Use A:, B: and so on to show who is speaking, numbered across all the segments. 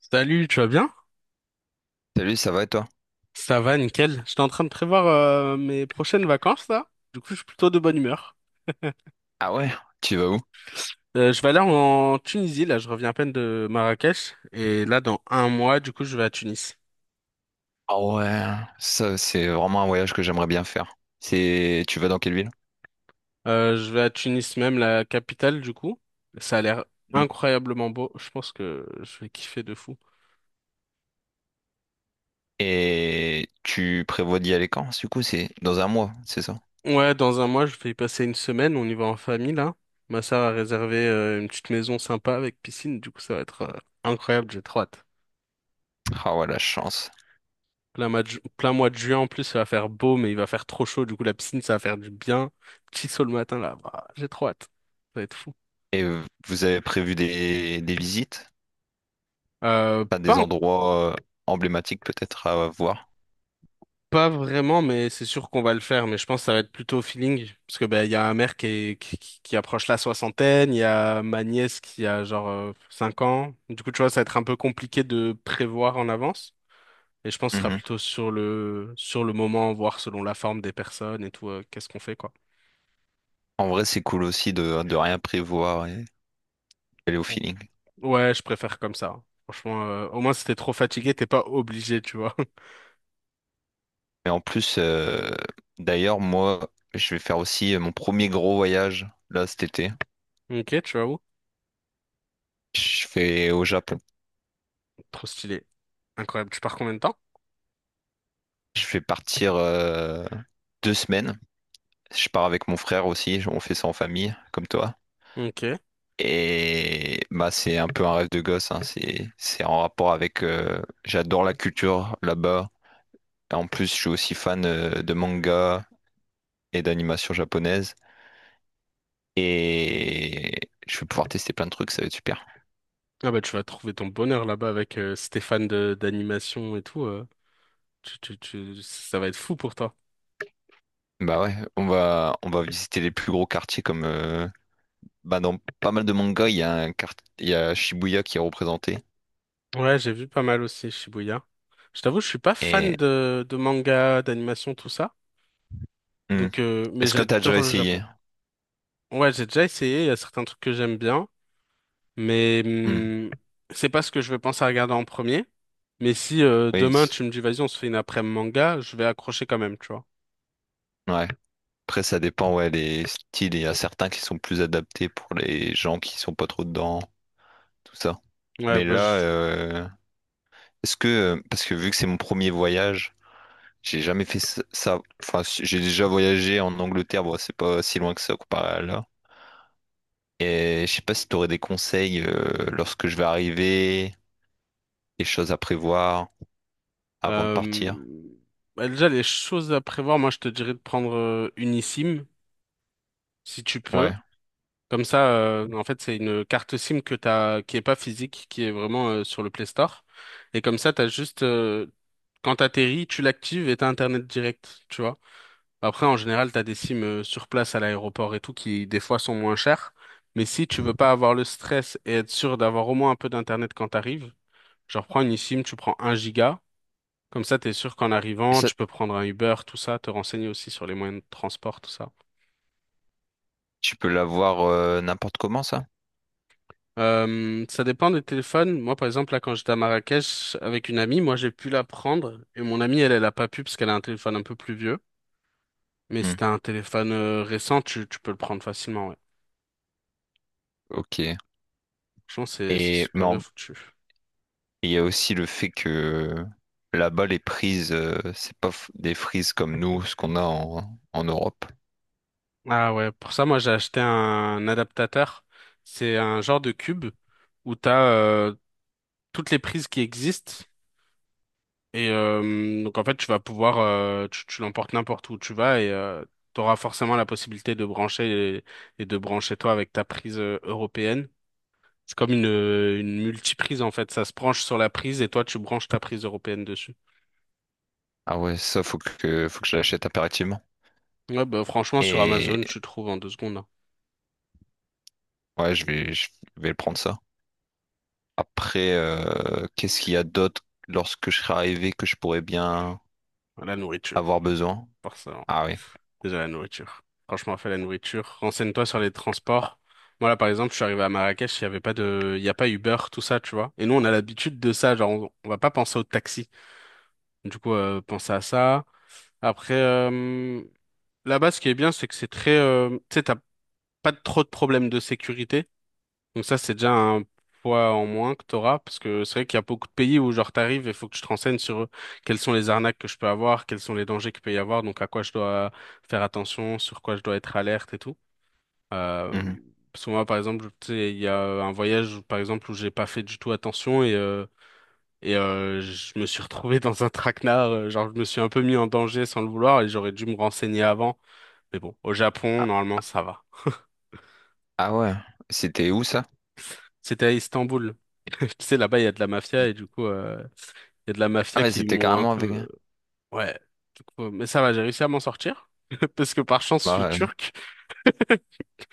A: Salut, tu vas bien?
B: Salut, ça va et toi?
A: Ça va, nickel. J'étais en train de prévoir mes prochaines vacances là. Du coup, je suis plutôt de bonne humeur.
B: Ah ouais, tu vas où?
A: Je vais aller en Tunisie là. Je reviens à peine de Marrakech et là, dans un mois, du coup, je vais à Tunis.
B: Ah ouais, ça c'est vraiment un voyage que j'aimerais bien faire. Tu vas dans quelle ville?
A: Je vais à Tunis même, la capitale du coup. Ça a l'air
B: Hmm.
A: incroyablement beau. Je pense que je vais kiffer de fou.
B: Et tu prévois d'y aller quand? Du coup, c'est dans un mois, c'est ça?
A: Ouais, dans un mois, je vais y passer une semaine. On y va en famille là. Ma sœur a réservé une petite maison sympa avec piscine. Du coup, ça va être incroyable. J'ai trop hâte.
B: Ah ouais, la chance.
A: Plein mois de juin en plus, ça va faire beau, mais il va faire trop chaud. Du coup, la piscine, ça va faire du bien. Petit saut le matin, là, bah, j'ai trop hâte. Ça va être fou.
B: Et vous avez prévu des visites?
A: Euh,
B: Pas
A: pas,
B: des
A: en-
B: endroits emblématiques peut-être à voir?
A: Pas vraiment, mais c'est sûr qu'on va le faire. Mais je pense que ça va être plutôt au feeling. Parce que ben, il y a ma mère qui, est- qui approche la soixantaine, il y a ma nièce qui a genre 5 ans. Du coup, tu vois, ça va être un peu compliqué de prévoir en avance. Et je pense que ce sera
B: Mhm.
A: plutôt sur sur le moment, voir selon la forme des personnes et tout, qu'est-ce qu'on fait, quoi.
B: En vrai, c'est cool aussi de rien prévoir et aller au feeling.
A: Ouais, je préfère comme ça. Franchement, au moins si t'es trop fatigué, t'es pas obligé, tu vois.
B: Et en plus, d'ailleurs, moi, je vais faire aussi mon premier gros voyage là cet été.
A: Ok, tu vas où?
B: Je fais au Japon.
A: Trop stylé. Incroyable. Tu pars combien de temps?
B: Je fais partir 2 semaines. Je pars avec mon frère aussi. On fait ça en famille, comme toi.
A: Ok.
B: Et bah c'est un peu un rêve de gosse, hein. C'est en rapport avec, j'adore la culture là-bas. Et en plus, je suis aussi fan de manga et d'animation japonaise. Et je vais pouvoir tester plein de trucs. Ça va être super.
A: Ah bah tu vas trouver ton bonheur là-bas avec Stéphane de d'animation et tout. Ça va être fou pour toi.
B: Bah ouais, on va visiter les plus gros quartiers comme, bah dans pas mal de mangas, il y a Shibuya qui est représenté.
A: Ouais, j'ai vu pas mal aussi Shibuya. Je t'avoue, je suis pas
B: Et
A: fan de manga, d'animation, tout ça.
B: hmm.
A: Donc, mais
B: Est-ce que tu as déjà
A: j'adore le
B: essayé?
A: Japon. Ouais, j'ai déjà essayé. Il y a certains trucs que j'aime bien, mais
B: Hmm.
A: c'est pas ce que je vais penser à regarder en premier. Mais si
B: Oui,
A: demain
B: c-
A: tu me dis vas-y on se fait une après-midi manga, je vais accrocher quand même, tu vois.
B: ouais. Après, ça dépend, ouais, les styles. Il y a certains qui sont plus adaptés pour les gens qui sont pas trop dedans, tout ça.
A: Ouais,
B: Mais
A: bah
B: là,
A: je...
B: est-ce que, parce que vu que c'est mon premier voyage, j'ai jamais fait ça. Enfin, si, j'ai déjà voyagé en Angleterre, bon, c'est pas si loin que ça comparé à là. Et je sais pas si tu aurais des conseils lorsque je vais arriver, des choses à prévoir avant de partir.
A: euh, bah, déjà les choses à prévoir, moi je te dirais de prendre une eSIM si tu peux.
B: Ouais.
A: Comme ça, en fait c'est une carte SIM que t'as, qui est pas physique, qui est vraiment sur le Play Store. Et comme ça t'as juste, quand t'atterris, tu l'actives et t'as Internet direct, tu vois. Après, en général, t'as des sims sur place à l'aéroport et tout qui, des fois, sont moins chers. Mais si tu veux pas avoir le stress et être sûr d'avoir au moins un peu d'internet quand t'arrives, genre prends une eSIM, tu prends un giga. Comme ça, t'es sûr qu'en
B: Et
A: arrivant,
B: ça,
A: tu peux prendre un Uber, tout ça, te renseigner aussi sur les moyens de transport, tout ça.
B: tu peux l'avoir n'importe comment, ça?
A: Ça dépend des téléphones. Moi, par exemple, là, quand j'étais à Marrakech avec une amie, moi, j'ai pu la prendre et mon amie, elle, elle a pas pu parce qu'elle a un téléphone un peu plus vieux. Mais si
B: Hmm.
A: t'as un téléphone récent, tu peux le prendre facilement, ouais.
B: Ok.
A: Franchement, c'est
B: Et mais
A: super bien
B: en-
A: foutu.
B: il y a aussi le fait que là-bas, les prises, c'est pas f- des frises comme nous, ce qu'on a en Europe.
A: Ah ouais, pour ça, moi j'ai acheté un adaptateur. C'est un genre de cube où t'as as euh, toutes les prises qui existent. Et donc en fait, tu vas pouvoir, tu l'emportes n'importe où tu vas et tu auras forcément la possibilité de brancher et de brancher toi avec ta prise européenne. C'est comme une multiprise en fait. Ça se branche sur la prise et toi, tu branches ta prise européenne dessus.
B: Ah ouais, ça, faut que je l'achète impérativement.
A: Ouais, bah, franchement, sur
B: Et
A: Amazon, tu trouves en deux secondes hein.
B: ouais, je vais prendre ça. Après, qu'est-ce qu'il y a d'autre lorsque je serai arrivé que je pourrais bien
A: La nourriture,
B: avoir besoin?
A: forcément.
B: Ah oui.
A: Déjà la nourriture. Franchement, fais la nourriture. Renseigne-toi sur les transports. Moi, là, par exemple, je suis arrivé à Marrakech, il y a pas Uber, tout ça, tu vois. Et nous, on a l'habitude de ça, genre, on va pas penser au taxi. Du coup, pense à ça. Après, là-bas, ce qui est bien, c'est que c'est très, tu sais, t'as pas trop de problèmes de sécurité. Donc ça, c'est déjà un poids en moins que t'auras, parce que c'est vrai qu'il y a beaucoup de pays où, genre, t'arrives et faut que tu te renseignes sur quelles sont les arnaques que je peux avoir, quels sont les dangers qu'il peut y avoir, donc à quoi je dois faire attention, sur quoi je dois être alerte et tout. Euh,
B: Mhm.
A: Parce que moi, par exemple, tu sais, il y a un voyage, par exemple, où j'ai pas fait du tout attention je me suis retrouvé dans un traquenard. Genre, je me suis un peu mis en danger sans le vouloir et j'aurais dû me renseigner avant. Mais bon, au Japon,
B: Ah,
A: normalement, ça va.
B: ah ouais, c'était où ça?
A: C'était à Istanbul. Tu sais, là-bas, il y a de la mafia
B: Il-
A: et du coup, il y a de la
B: Ah
A: mafia
B: ouais,
A: qui
B: c'était
A: m'ont un
B: carrément avec.
A: peu... Ouais. Du coup, mais ça va, j'ai réussi à m'en sortir. Parce que par chance, je
B: Bah
A: suis
B: ouais,
A: turc.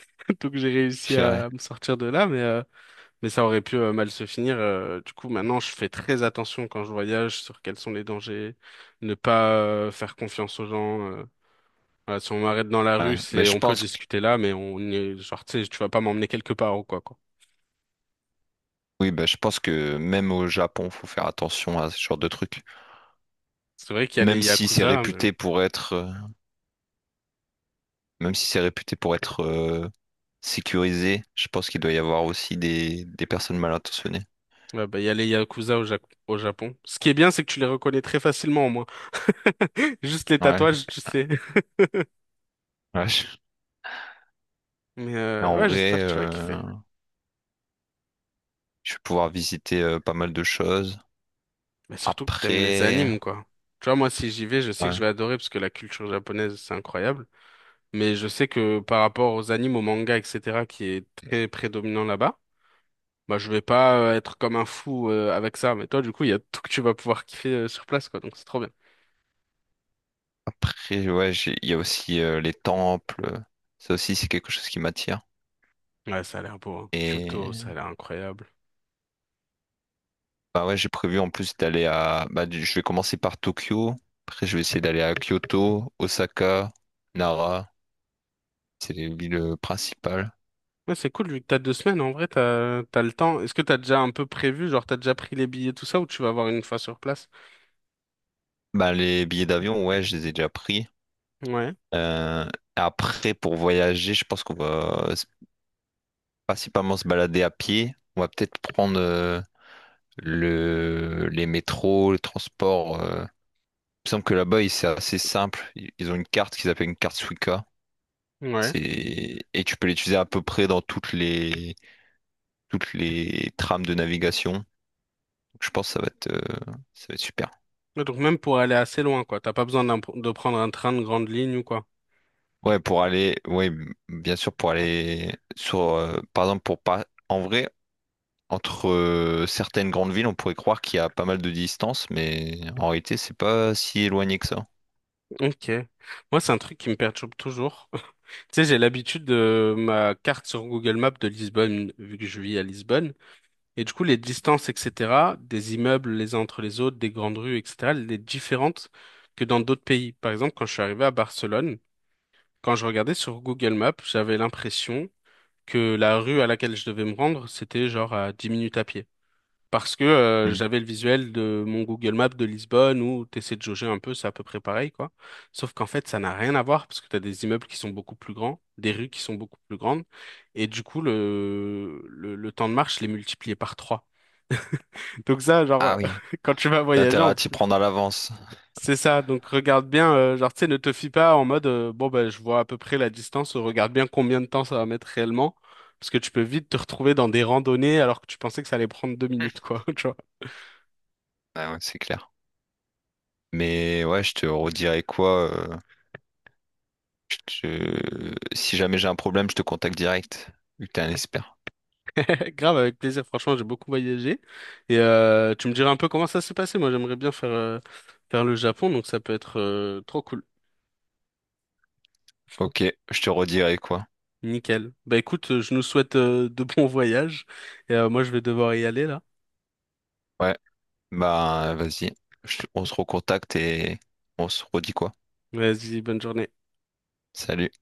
A: Donc, j'ai
B: je
A: réussi
B: dirais.
A: à me sortir de là. Mais ça aurait pu mal se finir. Du coup, maintenant, je fais très attention quand je voyage sur quels sont les dangers, ne pas faire confiance aux gens. Voilà, si on m'arrête dans la rue,
B: Ouais. Mais
A: c'est
B: je
A: on peut
B: pense,
A: discuter là, mais on est genre, tu sais, tu vas pas m'emmener quelque part ou quoi, quoi.
B: oui, bah, je pense que même au Japon, faut faire attention à ce genre de trucs.
A: C'est vrai qu'il y a
B: Même
A: les
B: si c'est
A: yakuza, mais
B: réputé pour être, euh, Même si c'est réputé pour être sécurisé, je pense qu'il doit y avoir aussi des personnes mal intentionnées.
A: ouais, bah, il y a les yakuza au Japon. Ce qui est bien, c'est que tu les reconnais très facilement, au moins. Juste les
B: Ouais,
A: tatouages, tu sais.
B: ouais, je-
A: Mais
B: Mais en
A: ouais,
B: vrai,
A: j'espère que tu vas kiffer.
B: je vais pouvoir visiter pas mal de choses.
A: Mais surtout que t'aimes les
B: Après,
A: animes, quoi. Tu vois, moi, si j'y vais, je sais que je
B: ouais,
A: vais adorer parce que la culture japonaise, c'est incroyable. Mais je sais que par rapport aux animes, aux mangas, etc., qui est très prédominant là-bas, bah je vais pas être comme un fou avec ça. Mais toi, du coup, il y a tout que tu vas pouvoir kiffer sur place, quoi. Donc c'est trop bien.
B: après, ouais, il y a aussi les temples. Ça aussi, c'est quelque chose qui m'attire.
A: Ouais, ça a l'air beau, hein. Kyoto, ça a l'air incroyable.
B: Bah ouais, j'ai prévu en plus d'aller à... Bah, du- je vais commencer par Tokyo, après je vais essayer d'aller à Kyoto, Osaka, Nara, c'est les villes principales.
A: Ouais, c'est cool, vu que t'as deux semaines, en vrai, t'as le temps. Est-ce que t'as déjà un peu prévu, genre t'as déjà pris les billets, tout ça, ou tu vas avoir une fois sur place?
B: Bah les billets d'avion, ouais, je les ai déjà pris.
A: Ouais,
B: Euh, Après, pour voyager, je pense qu'on principalement se balader à pied. On va peut-être prendre le... les métros, le transport. Il me semble que là-bas, c'est assez simple. Ils ont une carte qu'ils appellent une carte Suica.
A: ouais.
B: C'est... Et tu peux l'utiliser à peu près dans toutes les trames de navigation. Donc, je pense que ça va être super.
A: Ouais, donc même pour aller assez loin, quoi. T'as pas besoin de prendre un train de grande ligne ou quoi.
B: Ouais, pour aller, ouais, m- bien sûr, pour aller sur, par exemple, pour pas, en vrai, entre certaines grandes villes, on pourrait croire qu'il y a pas mal de distance, mais en réalité, c'est pas si éloigné que ça.
A: Ok. Moi, c'est un truc qui me perturbe toujours. Tu sais, j'ai l'habitude de ma carte sur Google Maps de Lisbonne, vu que je vis à Lisbonne. Et du coup, les distances, etc., des immeubles les uns entre les autres, des grandes rues, etc., elles sont différentes que dans d'autres pays. Par exemple, quand je suis arrivé à Barcelone, quand je regardais sur Google Maps, j'avais l'impression que la rue à laquelle je devais me rendre, c'était genre à 10 minutes à pied parce que
B: Mhm.
A: j'avais le visuel de mon Google Maps de Lisbonne où t'essaies de jauger un peu, c'est à peu près pareil, quoi. Sauf qu'en fait, ça n'a rien à voir parce que t'as des immeubles qui sont beaucoup plus grands, des rues qui sont beaucoup plus grandes, et du coup, le temps de marche, je l'ai multiplié par trois. Donc ça,
B: Ah
A: genre,
B: oui,
A: quand tu vas
B: t'as
A: voyager,
B: intérêt
A: en
B: à t'y
A: plus,
B: prendre à l'avance.
A: c'est ça. Donc regarde bien, genre, tu sais, ne te fie pas en mode, bon, ben, je vois à peu près la distance, regarde bien combien de temps ça va mettre réellement. Parce que tu peux vite te retrouver dans des randonnées alors que tu pensais que ça allait prendre 2 minutes, quoi. Tu vois.
B: Ah ouais, c'est clair. Mais ouais, je te redirai quoi. Je te- Si jamais j'ai un problème, je te contacte direct, vu que t'es un expert.
A: Grave, avec plaisir. Franchement, j'ai beaucoup voyagé. Et tu me diras un peu comment ça s'est passé. Moi, j'aimerais bien faire, faire le Japon, donc ça peut être trop cool.
B: Ok, je te redirai quoi.
A: Nickel. Bah écoute, je nous souhaite de bons voyages. Et moi, je vais devoir y aller là.
B: Ouais. Bah, vas-y. Je- On se recontacte et on se redit quoi.
A: Vas-y, bonne journée.
B: Salut.